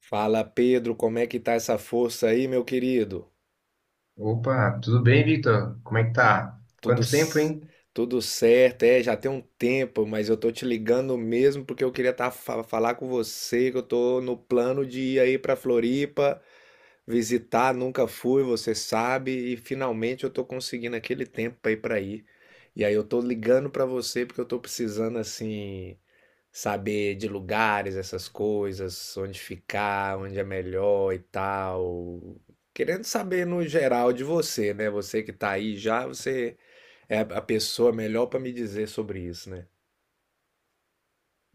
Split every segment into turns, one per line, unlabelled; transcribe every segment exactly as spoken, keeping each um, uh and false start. Fala Pedro, como é que tá essa força aí, meu querido?
Opa, tudo bem, Victor? Como é que tá?
Tudo,
Quanto tempo,
s-
hein?
tudo certo, é, já tem um tempo, mas eu tô te ligando mesmo porque eu queria tá, fa- falar com você, que eu tô no plano de ir aí pra Floripa visitar, nunca fui, você sabe, e finalmente eu tô conseguindo aquele tempo aí pra ir. E aí eu tô ligando pra você porque eu tô precisando assim saber de lugares, essas coisas, onde ficar, onde é melhor e tal. Querendo saber no geral de você, né? Você que tá aí já, você é a pessoa melhor para me dizer sobre isso, né?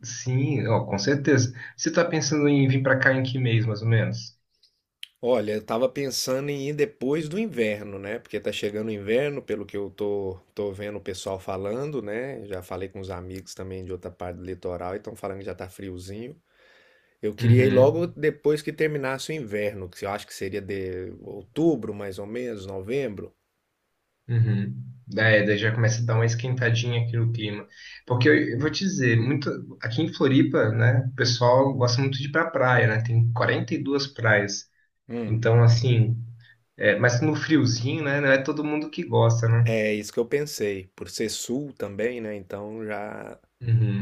Sim, ó, com certeza. Você tá pensando em vir pra cá em que mês, mais ou menos?
Olha, eu tava pensando em ir depois do inverno, né? Porque tá chegando o inverno, pelo que eu tô, tô vendo o pessoal falando, né? Já falei com os amigos também de outra parte do litoral e estão falando que já tá friozinho. Eu queria ir
Uhum,
logo depois que terminasse o inverno, que eu acho que seria de outubro, mais ou menos, novembro.
uhum. É, daí já começa a dar uma esquentadinha aqui no clima. Porque eu, eu vou te dizer, muito, aqui em Floripa, né, o pessoal gosta muito de ir pra praia, né? Tem quarenta e duas praias.
Hum.
Então, assim, é, mas no friozinho, né, não é todo mundo que gosta, né?
É isso que eu pensei, por ser sul também, né? Então já, o
Uhum.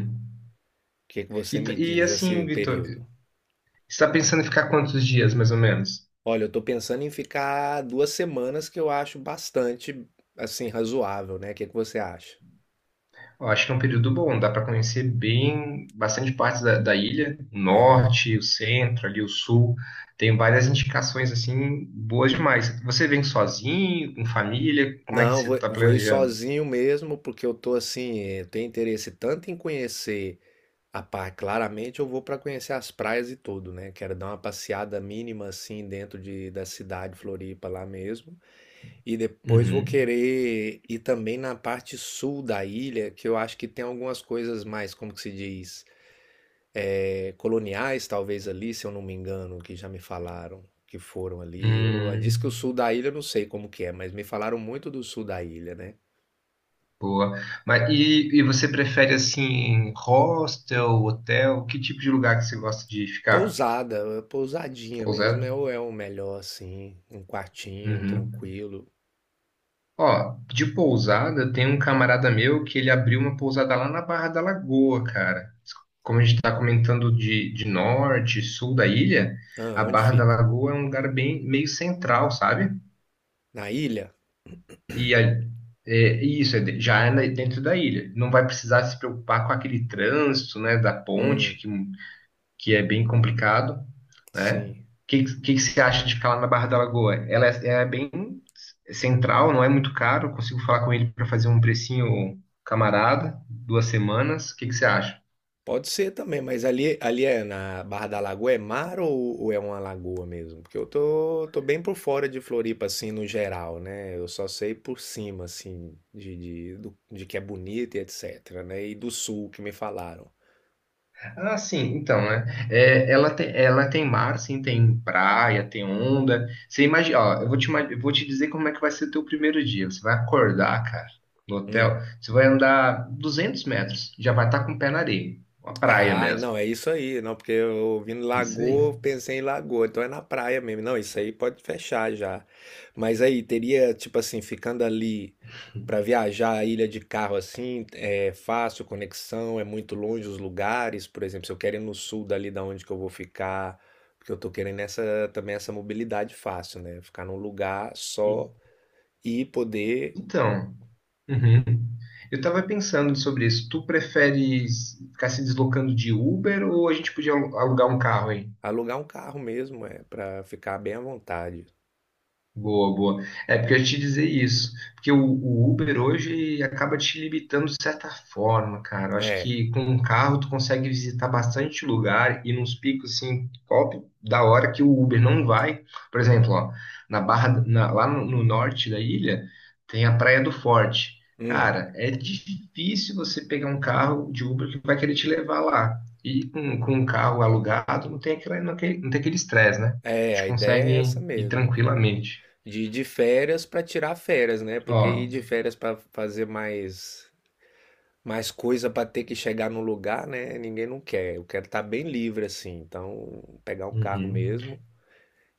que que você
E, t-
me
e
diz assim,
assim,
o
Vitor,
período?
você tá pensando em ficar quantos dias, mais ou menos?
Olha, eu tô pensando em ficar duas semanas, que eu acho bastante, assim, razoável, né? O que que você acha?
Eu acho que é um período bom, dá para conhecer bem bastante partes da, da ilha, o
Aham.
norte, o centro, ali o sul. Tem várias indicações assim boas demais. Você vem sozinho, com família? Como é que
Não,
você
vou,
está
vou ir
planejando?
sozinho mesmo, porque eu tô assim, eh, eu tenho interesse tanto em conhecer. Ah, pá, claramente eu vou para conhecer as praias e tudo, né? Quero dar uma passeada mínima assim dentro de, da cidade Floripa lá mesmo. E depois vou
Uhum.
querer ir também na parte sul da ilha, que eu acho que tem algumas coisas mais, como que se diz, é, coloniais talvez ali, se eu não me engano, que já me falaram que foram ali. Eu- Diz
Hum,
que o sul da ilha eu não sei como que é, mas me falaram muito do sul da ilha, né?
boa. Mas e, e você prefere assim hostel, hotel? Que tipo de lugar que você gosta de ficar?
Pousada, pousadinha mesmo
Pousada?
é o, é o melhor assim, um quartinho
Uhum.
tranquilo.
Ó, de pousada tem um camarada meu que ele abriu uma pousada lá na Barra da Lagoa, cara. Como a gente está comentando de, de norte, sul da ilha,
Ah,
a
onde
Barra da
fica?
Lagoa é um lugar bem meio central, sabe?
Na ilha?
E a- É, isso, é de- já é na- dentro da ilha. Não vai precisar se preocupar com aquele trânsito, né, da
Hum,
ponte, que, que é bem complicado, né? O
sim.
que, que, que você acha de ficar lá na Barra da Lagoa? Ela é, é bem central, não é muito caro. Consigo falar com ele para fazer um precinho camarada, duas semanas. O que, que você acha?
Pode ser também, mas ali, ali é na Barra da Lagoa, é mar ou, ou é uma lagoa mesmo? Porque eu tô, tô bem por fora de Floripa, assim, no geral, né? Eu só sei por cima, assim, de, de, do- de que é bonito e etc, né? E do sul que me falaram.
Ah, sim, então, né? É, ela tem, ela tem mar, sim, tem praia, tem onda. Você imagina, ó, eu vou te, ima- eu vou te dizer como é que vai ser o teu primeiro dia. Você vai acordar, cara, no hotel,
Hum.
você vai andar duzentos metros, já vai estar com o pé na areia, uma praia
Ah,
mesmo.
não, é isso aí, não, porque eu ouvindo
Isso aí.
lagoa, pensei em lagoa, então é na praia mesmo. Não, isso aí pode fechar já. Mas aí teria, tipo assim, ficando ali pra viajar a ilha de carro assim, é fácil conexão, é muito longe os lugares, por exemplo, se eu quero ir no sul dali da onde que eu vou ficar, porque eu tô querendo essa também essa mobilidade fácil, né? Ficar num lugar
E-
só e poder
então, uhum. Eu tava pensando sobre isso. Tu prefere ficar se deslocando de Uber ou a gente podia alu- alugar um carro.
alugar um carro mesmo, é, para ficar bem à vontade.
Boa, boa. É porque eu ia te dizer isso, porque o, o Uber hoje acaba te limitando de certa forma, cara. Eu acho
É.
que com um carro tu consegue visitar bastante lugar e nos picos assim, top da hora que o Uber não vai. Por exemplo, ó, na Barra, na- lá no, no norte da ilha tem a Praia do Forte.
Hum.
Cara, é difícil você pegar um carro de Uber que vai querer te levar lá. E com, com um carro alugado não tem aquela, não tem não tem aquele estresse, né? A
É,
gente
a ideia é essa
consegue ir
mesmo, de,
tranquilamente.
de ir de férias para tirar férias, né? Porque ir
Ó,
de férias para fazer mais mais coisa para ter que chegar no lugar, né? Ninguém não quer. Eu quero estar bem livre assim, então pegar um carro
uhum,
mesmo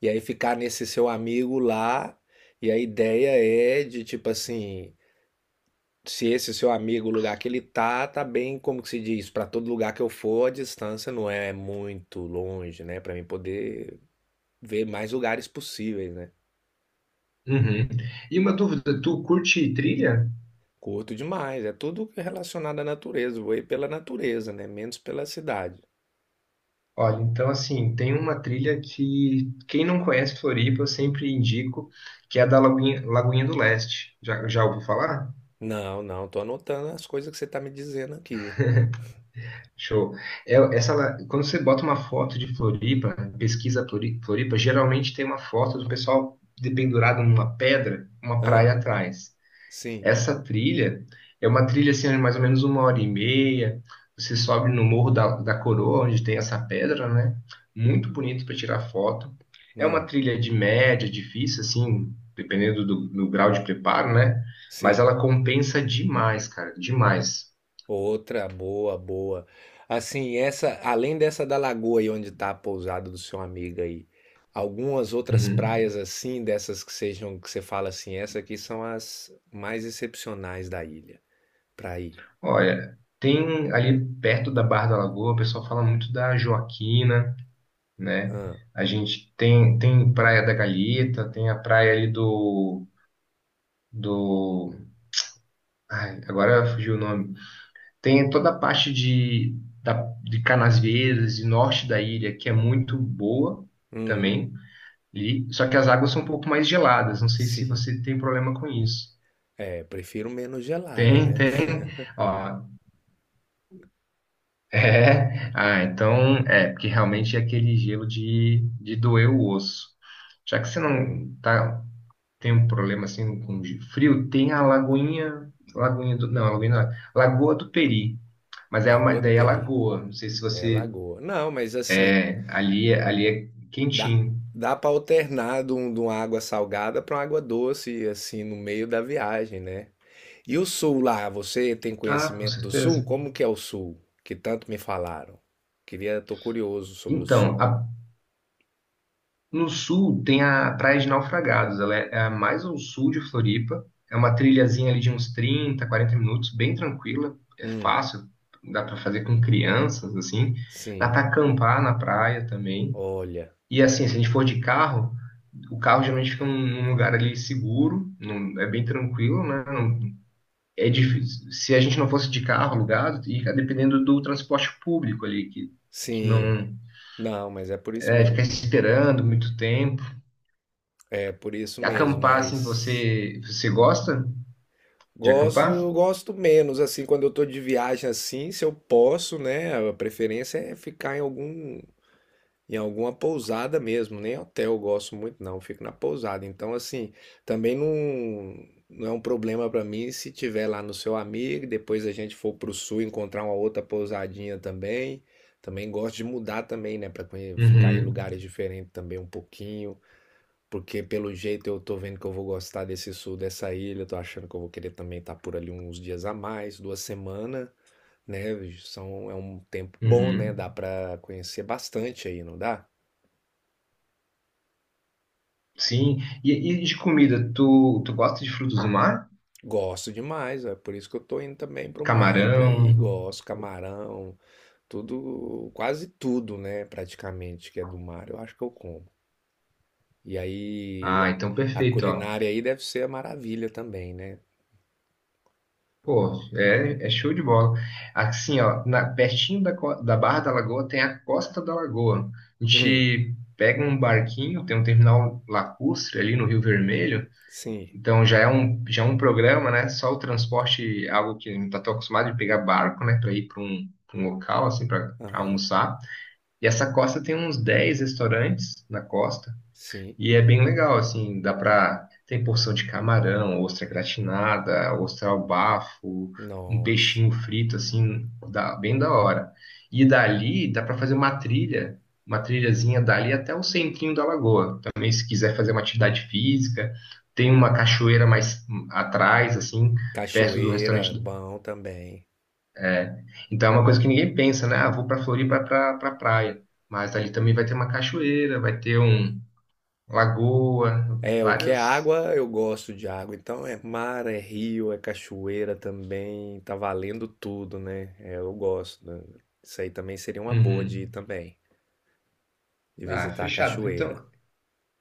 e aí ficar nesse seu amigo lá. E a ideia é de tipo assim, se esse seu amigo, o lugar que ele tá, tá bem, como que se diz, para todo lugar que eu for, a distância não é muito longe, né? Para mim poder ver mais lugares possíveis, né?
uhum. E uma dúvida, tu curte trilha?
Curto demais, é tudo relacionado à natureza. Vou ir pela natureza, né? Menos pela cidade.
Olha, então assim, tem uma trilha que quem não conhece Floripa, eu sempre indico, que é a da Lagoinha, Lagoinha do Leste. Já, já ouviu falar?
Não, não, tô anotando as coisas que você tá me dizendo aqui.
Show. É, essa, la- quando você bota uma foto de Floripa, pesquisa Flori- Floripa, geralmente tem uma foto do pessoal dependurado numa pedra, uma praia
Ah,
atrás.
sim,
Essa trilha é uma trilha assim, de mais ou menos uma hora e meia. Você sobe no Morro da, da Coroa, onde tem essa pedra, né? Muito bonito para tirar foto. É uma
hum,
trilha de média, difícil, assim, dependendo do, do grau de preparo, né? Mas
sim.
ela compensa demais, cara, demais.
Outra boa, boa. Assim, essa, além dessa da lagoa aí onde tá a pousada do seu amigo aí, algumas outras
Uhum.
praias assim, dessas que sejam, que você fala assim, essa aqui são as mais excepcionais da ilha pra ir.
Olha, tem ali perto da Barra da Lagoa, o pessoal fala muito da Joaquina, né?
Ah,
A gente tem, tem Praia da Galheta, tem a praia ali do, do Ai, agora fugiu o nome. Tem toda a parte de, da, de Canasvieiras e norte da ilha, que é muito boa
hum,
também. E, só que as águas são um pouco mais geladas. Não sei se
sim.
você tem problema com isso.
É, prefiro menos gelada,
Tem,
né?
tem. Ó, é. Ah, então é, porque realmente é aquele gelo de, de doer o osso. Já que você
Hum.
não tá, tem um problema assim com de frio, tem a Lagoinha, Lagoinha do, não, a Lagoinha, não, Lagoa do Peri. Mas é uma,
Lagoa do
daí é
Peri.
lagoa. Não sei se
É,
você.
lagoa. Não, mas assim,
É, ali, é- ali é
dá,
quentinho.
dá para alternar de, um- de uma água salgada para uma água doce, assim, no meio da viagem, né? E o sul lá, você tem
Ah, com
conhecimento do sul?
certeza.
Como que é o sul? Que tanto me falaram. Queria, tô curioso sobre o sul.
Então, a- no sul tem a Praia de Naufragados. Ela é, é a mais ao sul de Floripa. É uma trilhazinha ali de uns trinta, quarenta minutos, bem tranquila. É
Hum,
fácil, dá para fazer com crianças, assim. Dá
sim.
para acampar na praia também.
Olha,
E assim, se a gente for de carro, o carro geralmente fica num num lugar ali seguro, num- é bem tranquilo, né? Não é difícil. Se a gente não fosse de carro alugado, ia dependendo do transporte público ali, que, que
sim.
não
Não, mas é por isso
é, ficar
mesmo.
esperando muito tempo.
É por isso
E
mesmo,
acampar, assim,
mas
você, você gosta de acampar?
gosto, gosto menos assim quando eu tô de viagem assim, se eu posso, né? A preferência é ficar em algum em alguma pousada mesmo, nem hotel eu gosto muito não, eu fico na pousada. Então assim, também não não é um problema pra mim se tiver lá no seu amigo, depois a gente for pro sul encontrar uma outra pousadinha também. Também gosto de mudar também, né, para ficar em
Uhum,
lugares diferentes também um pouquinho. Porque pelo jeito eu tô vendo que eu vou gostar desse sul dessa ilha, eu tô achando que eu vou querer também estar por ali uns dias a mais, duas semanas, né? São, é um tempo bom,
uhum.
né? Dá pra conhecer bastante aí, não dá?
Sim. E, e de comida, tu, tu gosta de frutos do mar?
Gosto demais, é por isso que eu tô indo também pro mar e pra ir.
Camarão?
Gosto, camarão, tudo, quase tudo, né? Praticamente que é do mar, eu acho que eu como. E aí
Ah,
a,
então
a
perfeito, ó.
culinária aí deve ser a maravilha também, né?
Pô, é, é show de bola. Assim, ó, na, pertinho da, co- da Barra da Lagoa tem a Costa da Lagoa. A
Hum,
gente pega um barquinho, tem um terminal lacustre ali no Rio Vermelho.
sim,
Então já é um, já é um programa, né? Só o transporte, algo que não está tão acostumado de pegar barco, né? Para ir para um, pra um local, assim, para
aham,
almoçar. E essa costa tem uns dez restaurantes na costa.
sim,
E é bem legal, assim, dá pra. Tem porção de camarão, ostra gratinada, ostra ao bafo, um
nossa.
peixinho frito, assim, dá, bem da hora. E dali dá pra fazer uma trilha, uma trilhazinha dali até o centrinho da lagoa. Também, se quiser fazer uma atividade física, tem uma cachoeira mais hum, atrás, assim, perto do
Cachoeira,
restaurante. Do-
bom também.
é. Então é uma coisa que ninguém pensa, né? Ah, vou pra Floripa pra, pra praia. Mas ali também vai ter uma cachoeira, vai ter um lagoa,
É, o que é
várias.
água, eu gosto de água. Então é mar, é rio, é cachoeira também. Tá valendo tudo, né? É, eu gosto. Né? Isso aí também seria uma boa de
Uhum.
ir também, de
Ah,
visitar a
fechado. Então,
cachoeira.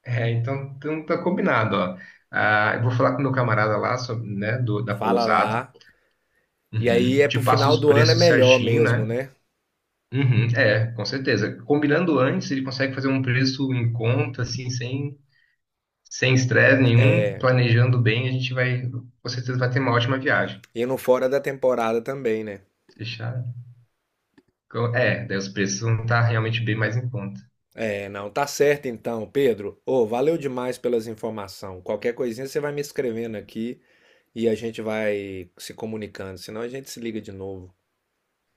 é, então, então tá combinado, ó. Ah, eu vou falar com meu camarada lá, sobre, né, do, da
Fala
pousada.
lá. E aí
Uhum.
é
Te
pro
passo
final
os
do ano é
preços
melhor
certinho,
mesmo,
né?
né?
Uhum. É, com certeza. Combinando antes, ele consegue fazer um preço em conta, assim, sem sem estresse nenhum.
É,
Planejando bem, a gente vai, com certeza, vai ter uma ótima viagem.
indo fora da temporada também, né?
Fechado? Co- É, daí os preços vão estar realmente bem mais em conta.
É, não, tá certo então, Pedro. Ô, valeu demais pelas informações. Qualquer coisinha você vai me escrevendo aqui. E a gente vai se comunicando, senão a gente se liga de novo.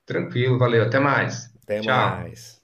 Tranquilo, valeu, até mais.
Até
Tchau.
mais.